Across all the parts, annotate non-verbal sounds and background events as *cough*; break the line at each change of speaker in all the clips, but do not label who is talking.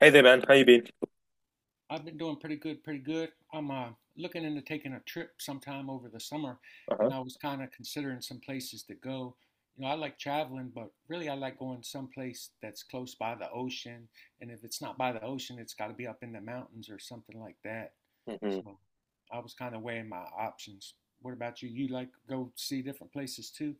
Hey there, man. How you been?
I've been doing pretty good, pretty good. I'm Looking into taking a trip sometime over the summer,
Uh-huh.
and I was kind of considering some places to go. You know, I like traveling, but really I like going someplace that's close by the ocean. And if it's not by the ocean, it's got to be up in the mountains or something like that.
Hmm.
So I was kind of weighing my options. What about you? You like go see different places too?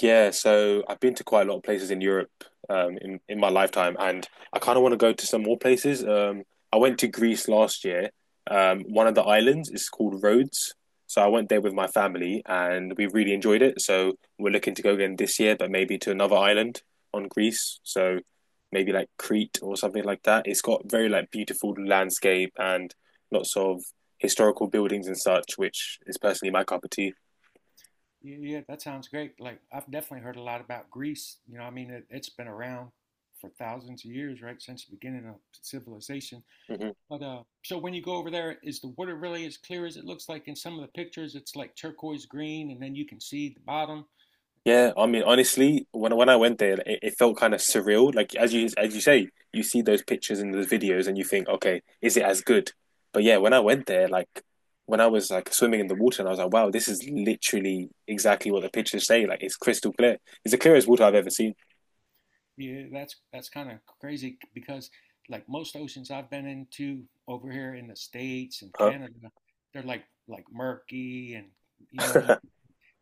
Yeah, so I've been to quite a lot of places in Europe in my lifetime, and I kind of want to go to some more places. I went to Greece last year. One of the islands is called Rhodes, so I went there with my family, and we really enjoyed it. So we're looking to go again this year, but maybe to another island on Greece. So maybe like Crete or something like that. It's got very like beautiful landscape and lots of historical buildings and such, which is personally my cup of tea.
Yeah, yeah, that sounds great. Like I've definitely heard a lot about Greece. You know, I mean, it's been around for thousands of years, right, since the beginning of civilization.
Hmm.
But so when you go over there, is the water really as clear as it looks like in some of the pictures? It's like turquoise green, and then you can see the bottom.
Yeah, I mean, honestly, when I went there, it felt kind of surreal. Like as you say, you see those pictures and those videos, and you think, okay, is it as good? But yeah, when I went there, like when I was like swimming in the water, and I was like, wow, this is literally exactly what the pictures say. Like it's crystal clear. It's the clearest water I've ever seen.
Yeah, that's kind of crazy because like most oceans I've been into over here in the States and
Huh?
Canada, they're like murky and you know you
*laughs*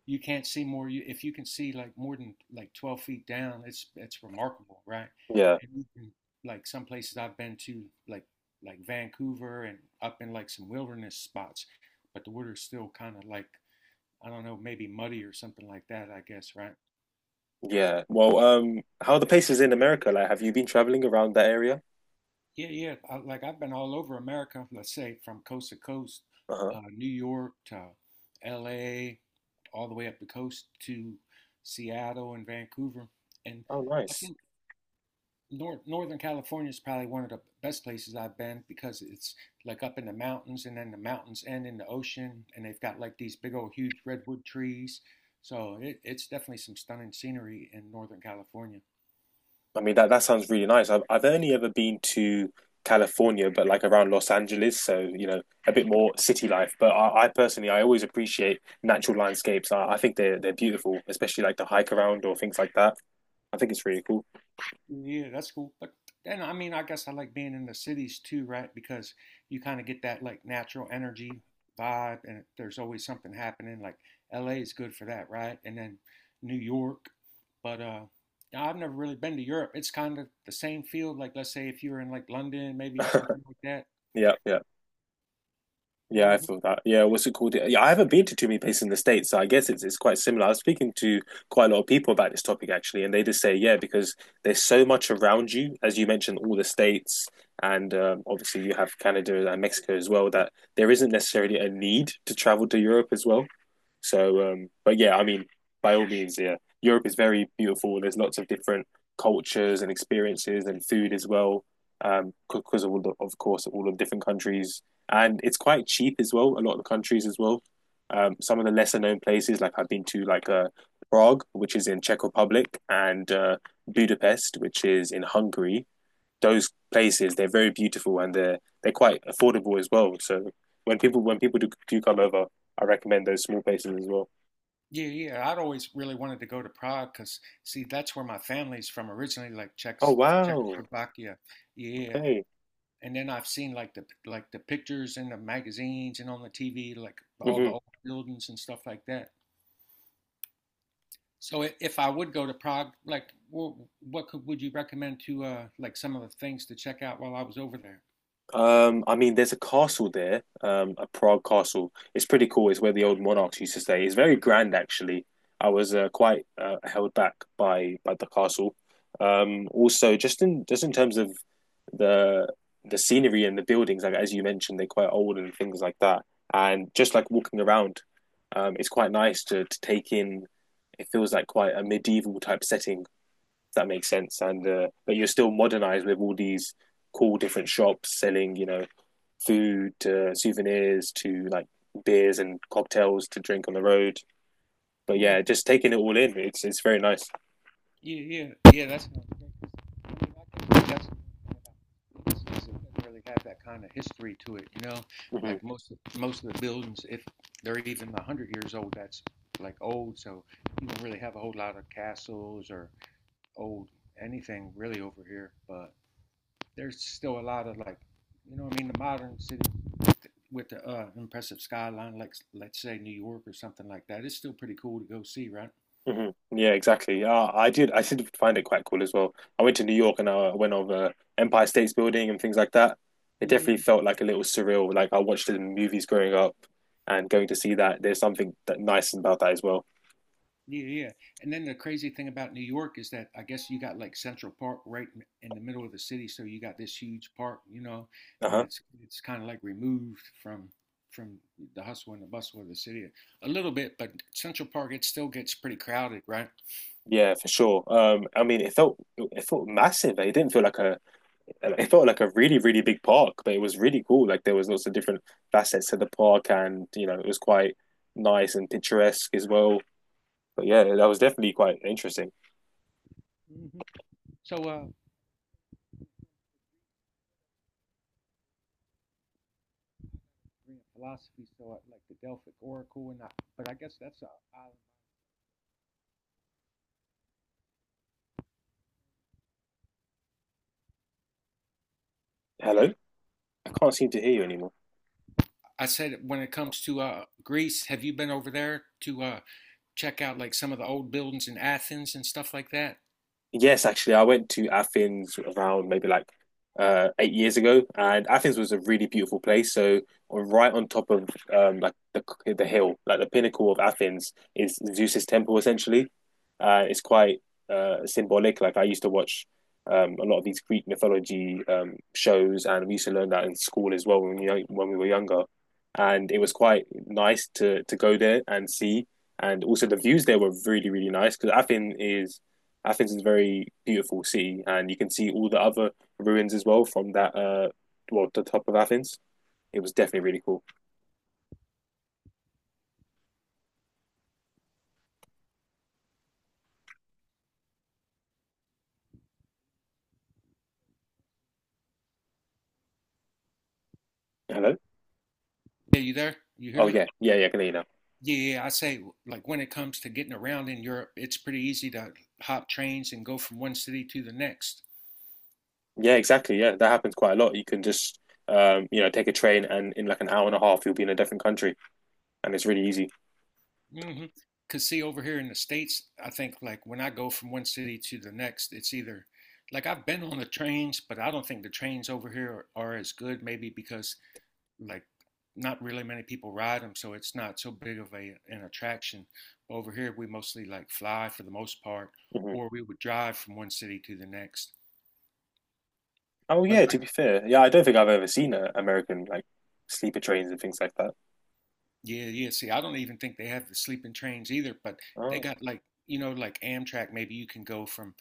you can't see more. You, if you can see like more than like 12 feet down, it's remarkable, right?
Yeah.
And you can, like some places I've been to, like Vancouver and up in like some wilderness spots, but the water's still kind of like I don't know, maybe muddy or something like that. I guess, right?
Yeah. Well, how are the places in America? Like, have you been traveling around that area?
Yeah, yeah. I, like I've been all over America. Let's say from coast to coast,
Uh-huh.
New York to L.A., all the way up the coast to Seattle and Vancouver, and
Oh,
I
nice.
think Northern California is probably one of the best places I've been because it's like up in the mountains and then the mountains end in the ocean and they've got like these big old huge redwood trees. So it's definitely some stunning scenery in Northern California.
I mean, that sounds really nice. I've only ever been to California, but like around Los Angeles, so a bit more city life. But I personally, I always appreciate natural landscapes. I think they're beautiful, especially like the hike around or things like that. I think it's really cool.
Yeah, that's cool. But then, I mean, I guess I like being in the cities too, right? Because you kind of get that like natural energy vibe, and there's always something happening. Like LA is good for that, right? And then New York. But I've never really been to Europe. It's kind of the same field. Like, let's say if you're in like London, maybe, or
*laughs*
something like that.
Yeah, yeah. Yeah, I
Hmm
feel that. Yeah, what's it called? Yeah, I haven't been to too many places in the States, so I guess it's quite similar. I was speaking to quite a lot of people about this topic actually, and they just say, yeah, because there's so much around you, as you mentioned, all the states, and obviously you have Canada and Mexico as well, that there isn't necessarily a need to travel to Europe as well. So, but yeah, I mean, by all means, yeah, Europe is very beautiful. There's lots of different cultures and experiences and food as well, because of all the, of course, all of different countries and it's quite cheap as well. A lot of the countries as well. Some of the lesser known places, like I've been to, like Prague, which is in Czech Republic, and Budapest, which is in Hungary. Those places they're very beautiful and they're quite affordable as well. So when people do come over, I recommend those small places as well.
Yeah, yeah. I'd always really wanted to go to Prague because, see, that's where my family's from originally, like
Oh
Czechs
wow!
Czechoslovakia. Yeah,
Okay.
and then I've seen like the pictures in the magazines and on the TV, like all the
Hmm.
old buildings and stuff like that. So if I would go to Prague, like what could would you recommend to like some of the things to check out while I was over there?
I mean, there's a castle there, a Prague castle. It's pretty cool. It's where the old monarchs used to stay. It's very grand, actually. I was quite held back by the castle. Also, just in terms of the the scenery and the buildings, like as you mentioned, they're quite old and things like that. And just like walking around, it's quite nice to take in. It feels like quite a medieval type setting, if that makes sense. And but you're still modernized with all these cool different shops selling, food to souvenirs to like beers and cocktails to drink on the road. But yeah,
Mm,
just taking it all in, it's very nice.
yeah, yeah, yeah. That's really have that kind of history to it, you know.
Hmm.
Like most of the buildings, if they're even 100 years old, that's like old. So you don't really have a whole lot of castles or old anything really over here, but there's still a lot of like, you know, what I mean, the modern city with the impressive skyline, like let's say New York or something like that, it's still pretty cool to go see, right?
Hmm. Yeah, exactly. I did find it quite cool as well. I went to New York and I went over Empire State's Building and things like that. It
Yeah,
definitely felt like a little surreal. Like I watched it in movies growing up, and going to see that there's something that nice about that as well.
yeah, yeah. And then the crazy thing about New York is that I guess you got like Central Park right in the middle of the city, so you got this huge park, you know,
Uh
and
huh.
it's kind of like removed from the hustle and the bustle of the city a little bit, but Central Park it still gets pretty crowded, right?
Yeah, for sure. I mean, it felt massive. Eh? It didn't feel like a, it felt like a really really big park, but it was really cool. Like, there was lots of different facets to the park, and it was quite nice and picturesque as well. But yeah, that was definitely quite interesting.
hmm So, Korean philosophy, so I, like the Delphic Oracle and I, but I guess that's a
Hello, I can't seem to hear you anymore.
I said when it comes to Greece, have you been over there to check out like some of the old buildings in Athens and stuff like that?
Yes, actually, I went to Athens around maybe like 8 years ago, and Athens was a really beautiful place. So right on top of like the hill, like the pinnacle of Athens, is Zeus's temple essentially. It's quite symbolic. Like I used to watch a lot of these Greek mythology shows, and we used to learn that in school as well when we were younger. And it was quite nice to go there and see, and also the views there were really really nice because Athens is a very beautiful city, and you can see all the other ruins as well from that. Well, the top of Athens. It was definitely really cool. Hello.
Yeah, you there? You hear
Oh
me?
yeah, yeah, yeah. I can hear you now.
Yeah, yeah, I say like when it comes to getting around in Europe, it's pretty easy to hop trains and go from one city to the next.
Yeah, exactly. Yeah, that happens quite a lot. You can just, take a train, and in like an hour and a half, you'll be in a different country, and it's really easy.
Hmm Cause see, over here in the States, I think like when I go from one city to the next, it's either like I've been on the trains, but I don't think the trains over here are as good, maybe because like not really many people ride them, so it's not so big of a an attraction. Over here, we mostly like fly for the most part,
Hmm.
or we would drive from one city to the next.
Oh
But
yeah. To be fair, yeah, I don't think I've ever seen a American like sleeper trains and things like that.
yeah, yeah. See, I don't even think they have the sleeping trains either, but they
Oh.
got like, you know, like Amtrak, maybe you can go from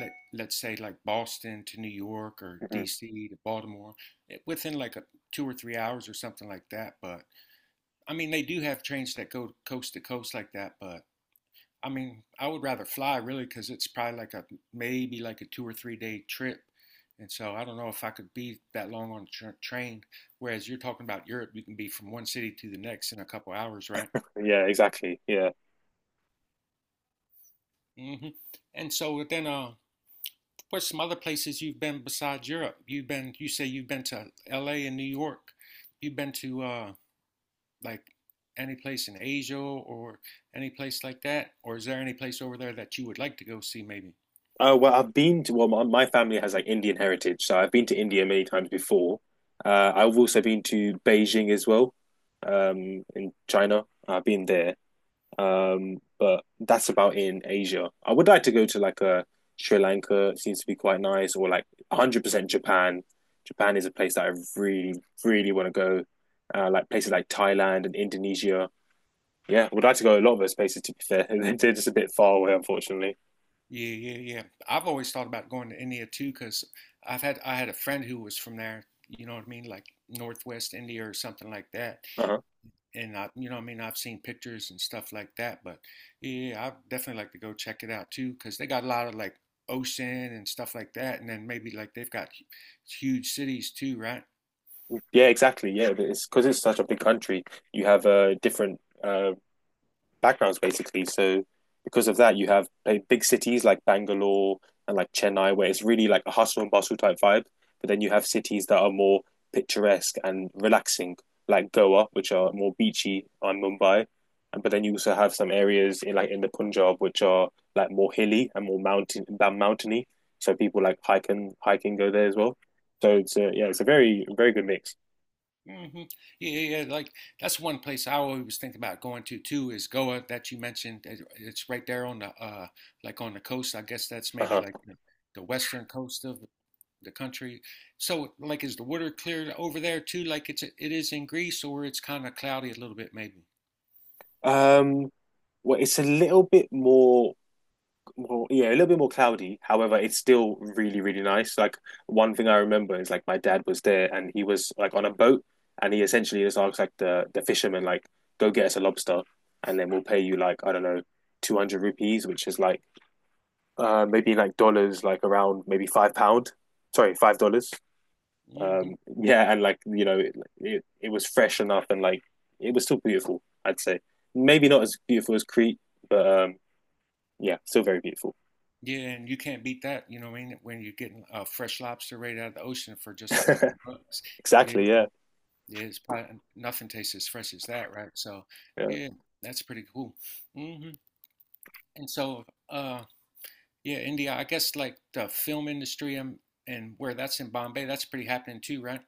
let's say like Boston to New York or
Hmm.
DC to Baltimore eh, within like a, two or three hours or something like that. But I mean, they do have trains that go coast to coast like that, but I mean, I would rather fly really because it's probably like a maybe like a two or three-day trip. And so I don't know if I could be that long on a train, whereas you're talking about Europe, you can be from one city to the next in a couple hours, right?
Yeah, exactly. Yeah.
hmm And so then, what's some other places you've been besides Europe? You've been, you say you've been to LA and New York. You've been to like any place in Asia or any place like that? Or is there any place over there that you would like to go see maybe?
Oh well, I've been to well, my family has like Indian heritage, so I've been to India many times before. I've also been to Beijing as well, in China. I've been there, but that's about in Asia. I would like to go to like a Sri Lanka. It seems to be quite nice, or like 100% Japan. Japan is a place that I really, really want to go. Like places like Thailand and Indonesia. Yeah, I would like to go a lot of those places. To be fair, *laughs* they're just a bit far away, unfortunately.
Yeah, yeah, yeah. I've always thought about going to India too, because 'cause I had a friend who was from there, you know what I mean, like Northwest India or something like that.
Uh-huh.
And I, you know, I mean, I've seen pictures and stuff like that, but yeah, I definitely like to go check it out too, because they got a lot of like ocean and stuff like that, and then maybe like they've got huge cities too, right?
Yeah, exactly. Yeah, it's because it's such a big country. You have different backgrounds basically. So because of that, you have like, big cities like Bangalore and like Chennai, where it's really like a hustle and bustle type vibe. But then you have cities that are more picturesque and relaxing, like Goa, which are more beachy, on Mumbai. And but then you also have some areas in the Punjab, which are like more hilly and more mountain than mountainy. So people like hiking go there as well. So it's a very very good mix.
hmm Yeah, yeah, yeah, like that's one place I always think about going to too is Goa that you mentioned. It's right there on the like on the coast. I guess that's maybe
Uh-huh.
like the western coast of the country. So, like, is the water clear over there too? Like it's it is in Greece, or it's kind of cloudy a little bit, maybe.
Um, well, it's a little bit more, yeah, a little bit more cloudy. However, it's still really, really nice. Like one thing I remember is like my dad was there and he was like on a boat and he essentially just asked like the fisherman like, go get us a lobster and then we'll pay you like I don't know, 200 rupees, which is like maybe like dollars, like around maybe £5. Sorry, $5.
Hmm
Yeah, and like it was fresh enough, and like it was still beautiful. I'd say maybe not as beautiful as Crete, but yeah, still very beautiful.
Yeah, and you can't beat that. You know what I mean? When you're getting fresh lobster right out of the ocean for just a couple bucks. Yeah,
Exactly. Yeah.
yeah, it's probably nothing tastes as fresh as that, right? So,
Yeah,
yeah, that's pretty cool. hmm And so, yeah, India, I guess like the film industry and where that's in Bombay, that's pretty happening too, right?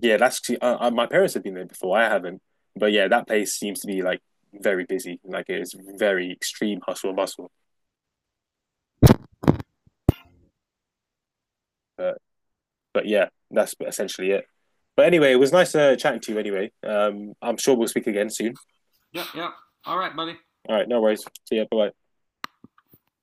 yeah. That's my parents have been there before. I haven't, but yeah, that place seems to be like very busy. Like it is very extreme hustle and bustle. But but yeah, that's essentially it. But anyway, it was nice chatting to you. Anyway, I'm sure we'll speak again soon.
Yep, yep. All right, buddy.
All right, no worries. See ya. Bye bye.